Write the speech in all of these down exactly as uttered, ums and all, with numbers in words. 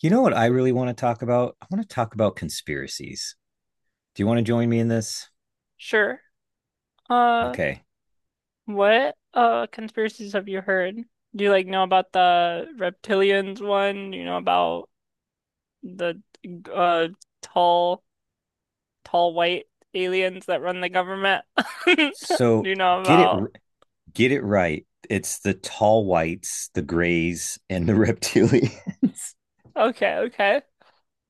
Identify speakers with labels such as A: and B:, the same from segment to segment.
A: You know what I really want to talk about? I want to talk about conspiracies. Do you want to join me in this?
B: Sure. Uh,
A: Okay.
B: what uh conspiracies have you heard? Do you like know about the reptilians one? Do you know about the uh tall tall white aliens that run the government? Do
A: So
B: you know
A: get it
B: about?
A: get it right. It's the tall whites, the grays, and the reptilians.
B: Okay, okay.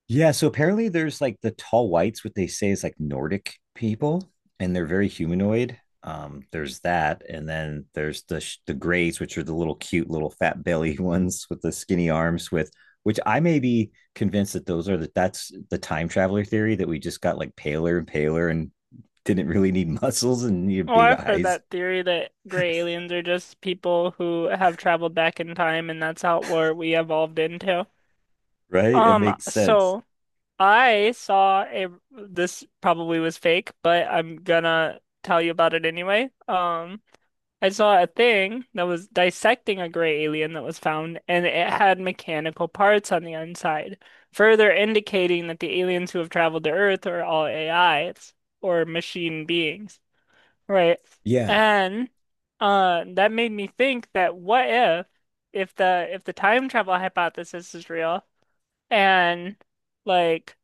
A: Yeah, so apparently there's like the tall whites, what they say is like Nordic people, and they're very humanoid. Um, there's that, and then there's the sh- the grays, which are the little cute little fat belly ones with the skinny arms. With which I may be convinced that those are that that's the time traveler theory that we just got like paler and paler and didn't really need muscles and needed
B: Well,
A: big
B: I've heard
A: eyes,
B: that theory that gray aliens are just people who have traveled back in time and that's how where we evolved into.
A: right? It
B: Um,
A: makes sense.
B: so I saw a this probably was fake, but I'm gonna tell you about it anyway. Um, I saw a thing that was dissecting a gray alien that was found, and it had mechanical parts on the inside, further indicating that the aliens who have traveled to Earth are all A Is or machine beings, right?
A: Yeah,
B: And uh, that made me think that what if if the if the time travel hypothesis is real and like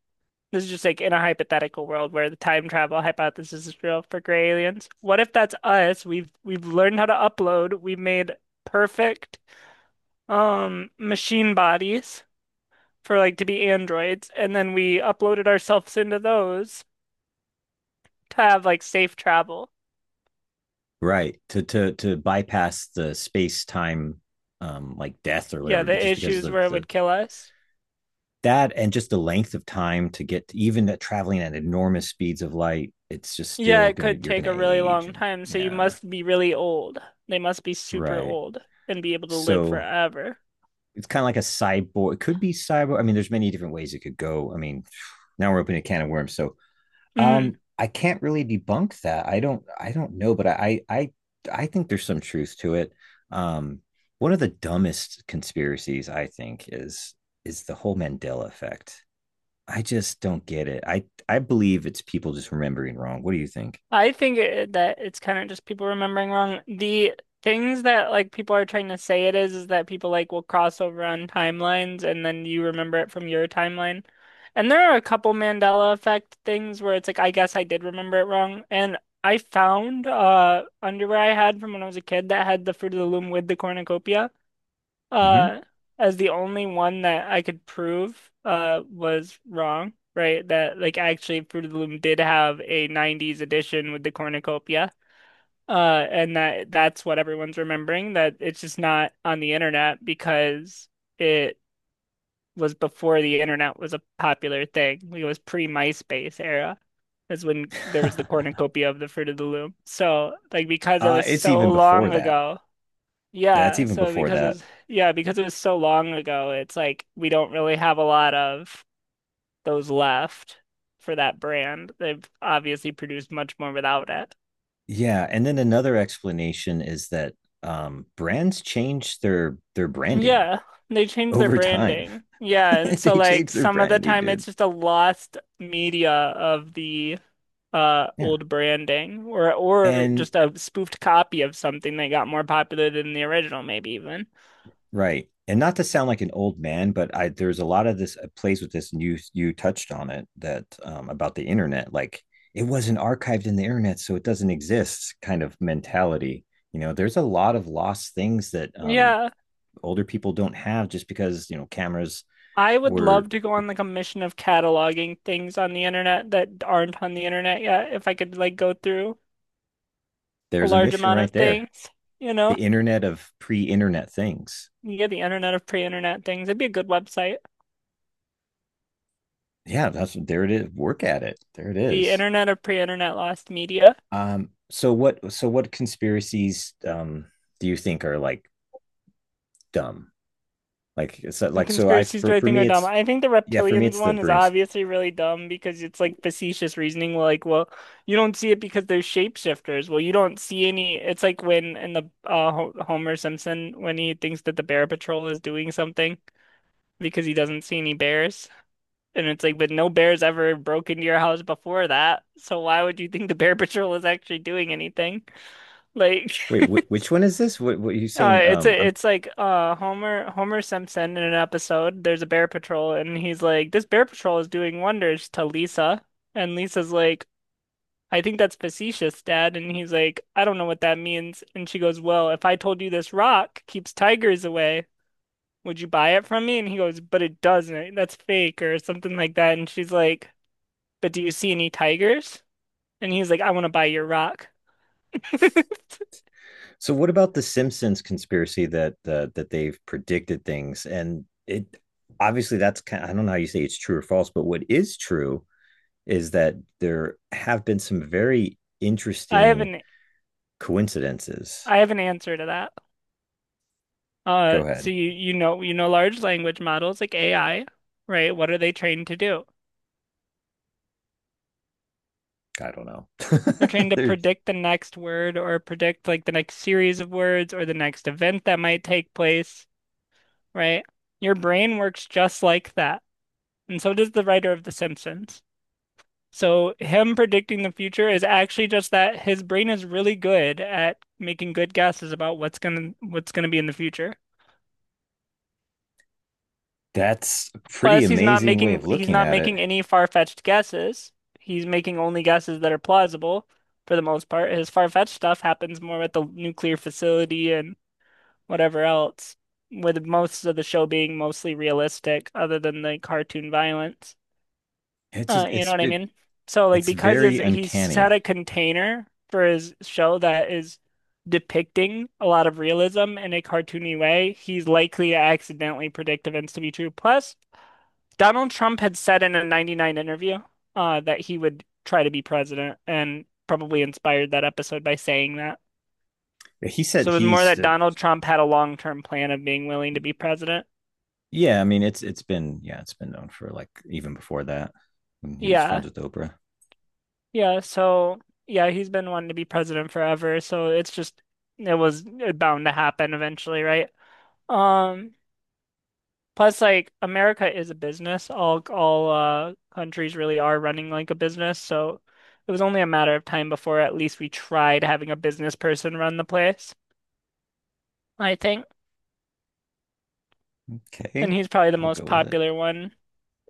B: this is just like in a hypothetical world where the time travel hypothesis is real for gray aliens. What if that's us? We've we've learned how to upload. We've made perfect um machine bodies for like to be androids, and then we uploaded ourselves into those to have like safe travel.
A: right. To to to bypass the space time um like death or
B: Yeah,
A: whatever,
B: the
A: but just because
B: issues
A: the
B: where it
A: the
B: would kill us.
A: that, and just the length of time to get to, even at traveling at enormous speeds of light, it's just
B: Yeah,
A: still
B: it
A: gonna
B: could
A: you're
B: take
A: gonna
B: a really
A: age
B: long
A: and
B: time, so you
A: yeah,
B: must be really old. They must be super
A: right.
B: old and be able to live
A: So
B: forever.
A: it's kind of like a cyborg. It could be cyborg. I mean, there's many different ways it could go. I mean, now we're opening a can of worms. So um
B: Mhm.
A: I can't really debunk that. I don't I don't know, but I I I think there's some truth to it. Um One of the dumbest conspiracies I think is is the whole Mandela effect. I just don't get it. I I believe it's people just remembering wrong. What do you think?
B: I think it, that it's kind of just people remembering wrong. The things that like people are trying to say it is is that people like will cross over on timelines and then you remember it from your timeline. And there are a couple Mandela effect things where it's like I guess I did remember it wrong. And I found uh underwear I had from when I was a kid that had the Fruit of the Loom with the cornucopia
A: Mm-hmm.
B: uh as the only one that I could prove uh was wrong, right? That like actually Fruit of the Loom did have a nineties edition with the cornucopia. Uh and that that's what everyone's remembering, that it's just not on the internet because it was before the internet was a popular thing. It was pre-MySpace era. Is when there was the cornucopia of the Fruit of the Loom. So, like, because it
A: Uh,
B: was
A: it's
B: so
A: even before
B: long
A: that.
B: ago,
A: That's
B: yeah,
A: even
B: so
A: before
B: because
A: that.
B: it's Yeah, because it was so long ago, it's like we don't really have a lot of those left for that brand. They've obviously produced much more without it.
A: Yeah, and then another explanation is that um, brands change their their branding
B: Yeah, they changed their
A: over time.
B: branding. Yeah, and so
A: They
B: like
A: change their
B: some of the
A: branding,
B: time it's
A: dude.
B: just a lost media of the uh
A: Yeah,
B: old branding or or
A: and
B: just a spoofed copy of something that got more popular than the original maybe even.
A: right. And not to sound like an old man, but I, there's a lot of this uh, plays with this, and you you touched on it, that um, about the internet, like it wasn't archived in the internet, so it doesn't exist kind of mentality. You know, there's a lot of lost things that um,
B: Yeah.
A: older people don't have, just because, you know, cameras
B: I would
A: were.
B: love to go on like a mission of cataloging things on the internet that aren't on the internet yet. If I could like go through a
A: There's a
B: large
A: mission
B: amount of
A: right there,
B: things, you
A: the
B: know,
A: internet of pre-internet things.
B: yeah, the internet of pre-internet things. It'd be a good website.
A: Yeah, that's there it is. Work at it. There it
B: The
A: is.
B: internet of pre-internet lost media.
A: Um, so what? So what conspiracies um, do you think are like dumb? Like it's uh,
B: What
A: like so I
B: conspiracies
A: for
B: do I
A: for
B: think
A: me
B: are dumb?
A: it's
B: I think the
A: yeah, for me
B: reptilians
A: it's the
B: one is
A: Bruins.
B: obviously really dumb because it's like facetious reasoning. Like, well, you don't see it because they're shapeshifters. Well, you don't see any. It's like when in the uh, Ho- Homer Simpson when he thinks that the Bear Patrol is doing something, because he doesn't see any bears. And it's like, but no bears ever broke into your house before that. So why would you think the Bear Patrol is actually doing anything? Like,
A: Wait,
B: uh,
A: wh- which one is this? What what are you saying?
B: it's
A: Um,
B: a,
A: I'm
B: it's like uh Homer Homer Simpson in an episode. There's a Bear Patrol, and he's like, this Bear Patrol is doing wonders to Lisa, and Lisa's like, I think that's facetious, Dad. And he's like, I don't know what that means. And she goes, well, if I told you this rock keeps tigers away, would you buy it from me? And he goes, but it doesn't. That's fake or something like that. And she's like, but do you see any tigers? And he's like, I want to buy your rock.
A: So what about the Simpsons conspiracy that uh, that they've predicted things, and it obviously that's kind, I don't know how you say it's true or false, but what is true is that there have been some very
B: I have
A: interesting
B: an
A: coincidences.
B: I have an answer to that.
A: Go
B: Uh,
A: ahead.
B: so you you know you know large language models like A I, right? What are they trained to do?
A: I don't know.
B: They're trained to
A: There's
B: predict the next word or predict like the next series of words or the next event that might take place, right? Your brain works just like that. And so does the writer of The Simpsons. So him predicting the future is actually just that his brain is really good at making good guesses about what's gonna what's gonna be in the future.
A: that's a pretty
B: Plus, he's not
A: amazing way of
B: making he's
A: looking
B: not
A: at it.
B: making any far-fetched guesses. He's making only guesses that are plausible for the most part. His far-fetched stuff happens more at the nuclear facility and whatever else, with most of the show being mostly realistic other than the cartoon violence.
A: It's just
B: Uh, you know
A: it's
B: what I
A: been
B: mean? So like
A: it's
B: because
A: very
B: his, he's had
A: uncanny.
B: a container for his show that is depicting a lot of realism in a cartoony way, he's likely to accidentally predict events to be true. Plus, Donald Trump had said in a ninety-nine interview uh, that he would try to be president and probably inspired that episode by saying that.
A: He said
B: So it was more
A: he's
B: that
A: the
B: Donald Trump had a long-term plan of being willing to be president.
A: yeah, I mean it's it's been yeah, it's been known for like even before that, when he was friends
B: Yeah.
A: with Oprah.
B: Yeah, so yeah, he's been wanting to be president forever, so it's just it was bound to happen eventually, right? Um, plus like America is a business. All all uh countries really are running like a business, so it was only a matter of time before at least we tried having a business person run the place, I think. And
A: Okay,
B: he's probably the
A: I'll
B: most
A: go with it.
B: popular one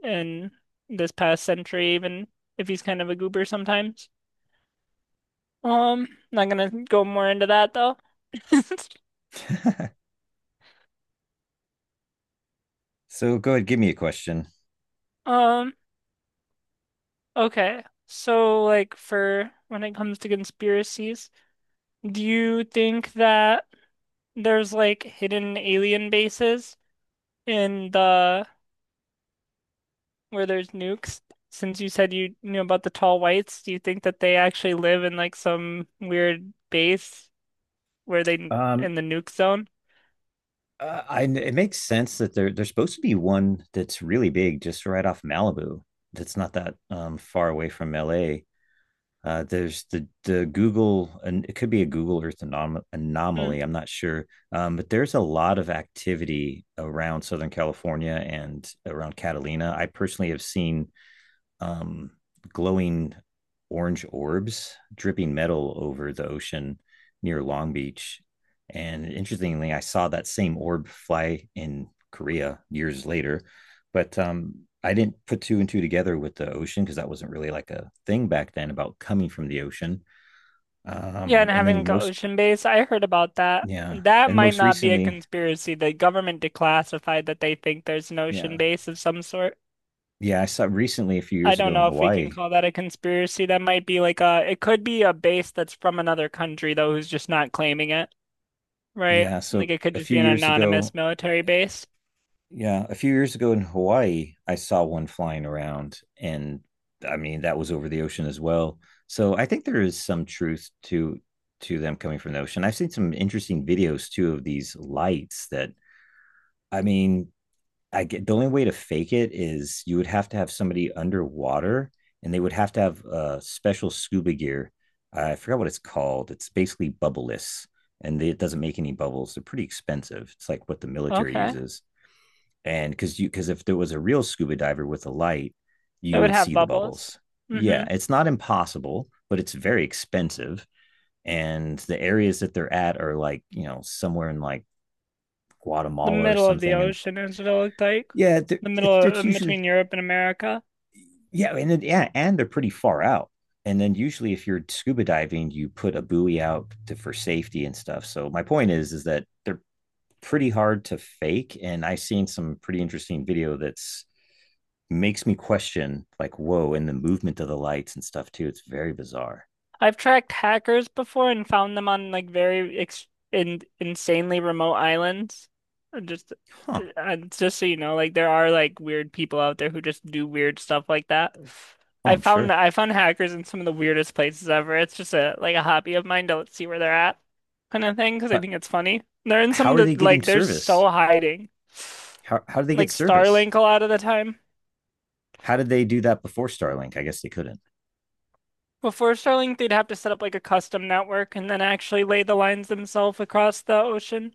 B: in this past century, even if he's kind of a goober sometimes. Um, not gonna go more into that though.
A: So go ahead, give me a question.
B: Um, Okay. So, like, for when it comes to conspiracies, do you think that there's like hidden alien bases in the where there's nukes? Since you said you knew about the tall whites, do you think that they actually live in like some weird base where they
A: Um
B: in the nuke zone?
A: uh, I, it makes sense that there there's supposed to be one that's really big just right off Malibu. That's not that um far away from L A. Uh, there's the the Google, and it could be a Google Earth anom-
B: Mm.
A: anomaly. I'm not sure, um, but there's a lot of activity around Southern California and around Catalina. I personally have seen um, glowing orange orbs dripping metal over the ocean near Long Beach. And interestingly, I saw that same orb fly in Korea years later, but um, I didn't put two and two together with the ocean, because that wasn't really like a thing back then about coming from the ocean.
B: Yeah, and
A: Um, and
B: having
A: then
B: like an
A: most,
B: ocean base. I heard about that.
A: yeah,
B: That
A: and
B: might
A: most
B: not be a
A: recently,
B: conspiracy. The government declassified that they think there's an ocean
A: yeah,
B: base of some sort.
A: yeah, I saw recently a few
B: I
A: years
B: don't
A: ago in
B: know if we can
A: Hawaii.
B: call that a conspiracy. That might be like a, it could be a base that's from another country though, who's just not claiming it, right?
A: Yeah,
B: Like
A: so
B: it could
A: a
B: just
A: few
B: be an
A: years ago,
B: anonymous military base.
A: yeah, a few years ago in Hawaii, I saw one flying around, and I mean that was over the ocean as well. So I think there is some truth to to them coming from the ocean. I've seen some interesting videos too of these lights that, I mean, I get the only way to fake it is you would have to have somebody underwater, and they would have to have uh special scuba gear. I forgot what it's called. It's basically bubbleless, and they, it doesn't make any bubbles. They're pretty expensive. It's like what the military
B: Okay.
A: uses, and because you, because if there was a real scuba diver with a light,
B: It
A: you
B: would
A: would
B: have
A: see the
B: bubbles.
A: bubbles. Yeah,
B: Mm-hmm.
A: it's not impossible, but it's very expensive, and the areas that they're at are like, you know, somewhere in like
B: The
A: Guatemala or
B: middle of the
A: something, and
B: ocean is what it looked like.
A: yeah,
B: The middle
A: it's, it's
B: of, in
A: usually
B: between Europe and America.
A: yeah, and then, yeah, and they're pretty far out, and then usually if you're scuba diving, you put a buoy out to, for safety and stuff, so my point is is that they're pretty hard to fake, and I've seen some pretty interesting video that's makes me question like, whoa, and the movement of the lights and stuff too, it's very bizarre.
B: I've tracked hackers before and found them on like very ex in insanely remote islands. Uh, Just uh,
A: Huh.
B: uh, just so you know, like there are like weird people out there who just do weird stuff like that.
A: Oh,
B: I
A: I'm
B: found
A: sure.
B: I found hackers in some of the weirdest places ever. It's just a like a hobby of mine to like, see where they're at kind of thing because I
A: But
B: think it's funny. They're in some
A: how
B: of
A: are
B: the
A: they getting
B: like they're
A: service?
B: so hiding.
A: How, how do they get
B: Like
A: service?
B: Starlink a lot of the time.
A: How did they do that before Starlink? I guess they couldn't.
B: Before Starlink, they'd have to set up like a custom network and then actually lay the lines themselves across the ocean.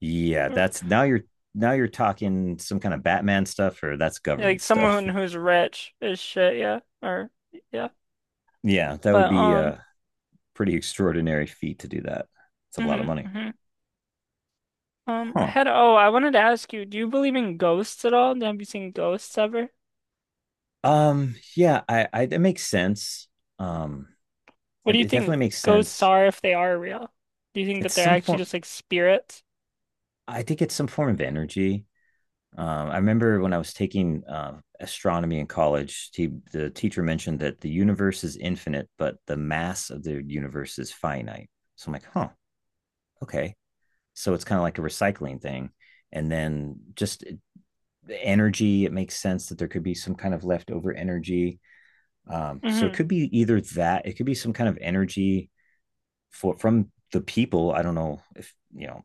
A: Yeah,
B: Or,
A: that's now you're, now you're talking some kind of Batman stuff, or that's
B: like
A: government stuff.
B: someone who's rich is shit, yeah. Or yeah.
A: Yeah, that would
B: But
A: be
B: um
A: a pretty extraordinary feat to do that. It's a lot of
B: mhm,
A: money.
B: mhm. Um I
A: Huh.
B: had oh, I wanted to ask you, do you believe in ghosts at all? Have you seen ghosts ever?
A: Um yeah, i i it makes sense. um
B: What do
A: it,
B: you
A: it
B: think
A: definitely makes
B: ghosts
A: sense.
B: are if they are real? Do you think
A: It's
B: that they're
A: some
B: actually
A: form,
B: just like spirits?
A: I think it's some form of energy. Um, I remember when I was taking uh, astronomy in college, he, the teacher mentioned that the universe is infinite, but the mass of the universe is finite. So I'm like, huh, okay. So it's kind of like a recycling thing. And then just energy, it makes sense that there could be some kind of leftover energy. Um, so it
B: Mm-hmm.
A: could be either that, it could be some kind of energy for from the people. I don't know if you know,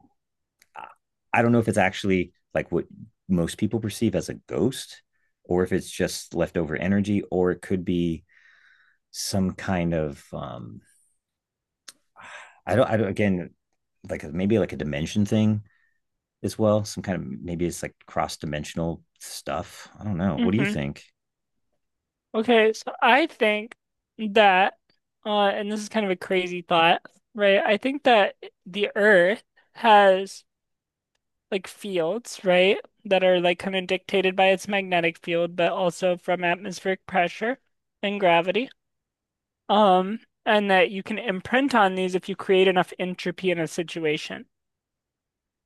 A: I don't know if it's actually like what most people perceive as a ghost, or if it's just leftover energy, or it could be some kind of um I don't I don't again, like maybe like a dimension thing as well, some kind of, maybe it's like cross dimensional stuff. I don't know. What do you
B: Mm-hmm.
A: think?
B: Okay, so I think that, uh, and this is kind of a crazy thought, right? I think that the Earth has like fields, right? That are like kind of dictated by its magnetic field, but also from atmospheric pressure and gravity. Um, and that you can imprint on these if you create enough entropy in a situation.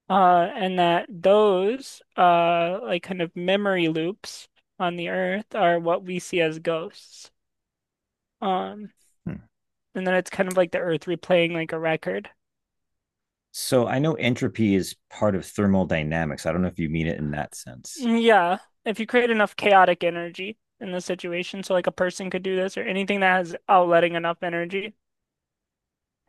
B: Uh, and that those, uh, like kind of memory loops on the Earth are what we see as ghosts. Um,
A: Hmm.
B: And then it's kind of like the earth replaying like a record.
A: So I know entropy is part of thermodynamics. I don't know if you mean it in that sense.
B: Mm, Yeah, if you create enough chaotic energy in the situation, so like a person could do this or anything that has outletting enough energy.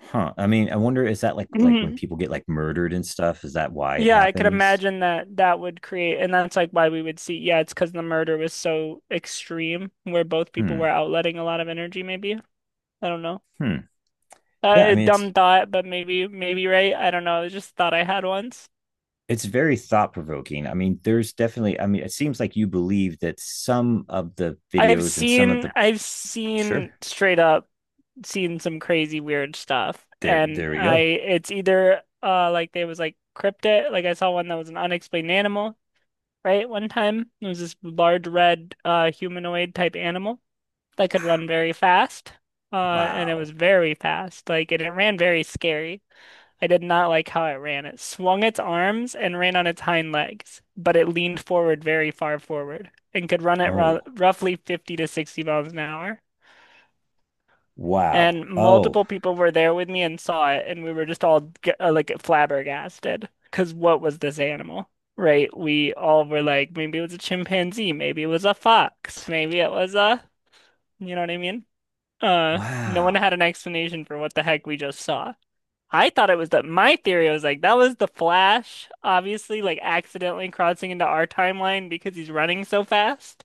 A: Huh. I mean, I wonder, is that like like when
B: Mhm.
A: people get like murdered and stuff, is that why it
B: Yeah, I could
A: happens?
B: imagine that that would create, and that's like why we would see. Yeah, it's because the murder was so extreme, where both people were
A: Hmm.
B: outletting a lot of energy. Maybe I don't know.
A: Hmm.
B: Uh,
A: Yeah, I
B: a
A: mean it's
B: dumb thought, but maybe maybe right. I don't know. It's just a thought I had once.
A: it's very thought provoking. I mean, there's definitely, I mean, it seems like you believe that some of the
B: I've
A: videos and some of
B: seen
A: the,
B: I've
A: sure,
B: seen straight up seen some crazy weird stuff.
A: there,
B: And
A: there we
B: I
A: go.
B: it's either uh like there was like cryptid, like I saw one that was an unexplained animal, right? One time. It was this large red uh humanoid type animal that could run very fast. Uh and it was
A: Wow.
B: very fast. Like and it ran very scary. I did not like how it ran. It swung its arms and ran on its hind legs, but it leaned forward very far forward and could run at ro
A: Oh,
B: roughly fifty to sixty miles an hour.
A: wow.
B: And
A: Oh,
B: multiple people were there with me and saw it, and we were just all g- uh, like flabbergasted. Because what was this animal? Right? We all were like, maybe it was a chimpanzee, maybe it was a fox, maybe it was a, you know what I mean? Uh, no one
A: wow.
B: had an explanation for what the heck we just saw. I thought it was that my theory was like, that was the Flash, obviously, like accidentally crossing into our timeline because he's running so fast.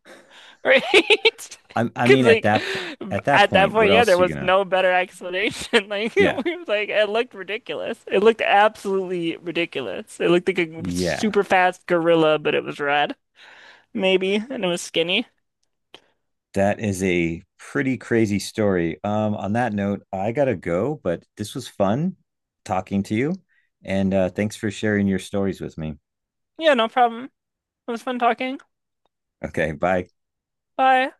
B: Right?
A: I, I mean,
B: Because
A: at
B: like
A: that point, at that
B: at that
A: point, what
B: point, yeah, there
A: else are you
B: was
A: gonna?
B: no better explanation. Like it
A: Yeah,
B: was like it looked ridiculous. It looked absolutely ridiculous. It looked like a
A: yeah.
B: super fast gorilla, but it was red, maybe, and it was skinny.
A: That is a pretty crazy story. Um, on that note, I gotta go, but this was fun talking to you, and uh, thanks for sharing your stories with me.
B: Yeah, no problem. It was fun talking.
A: Okay, bye.
B: Bye.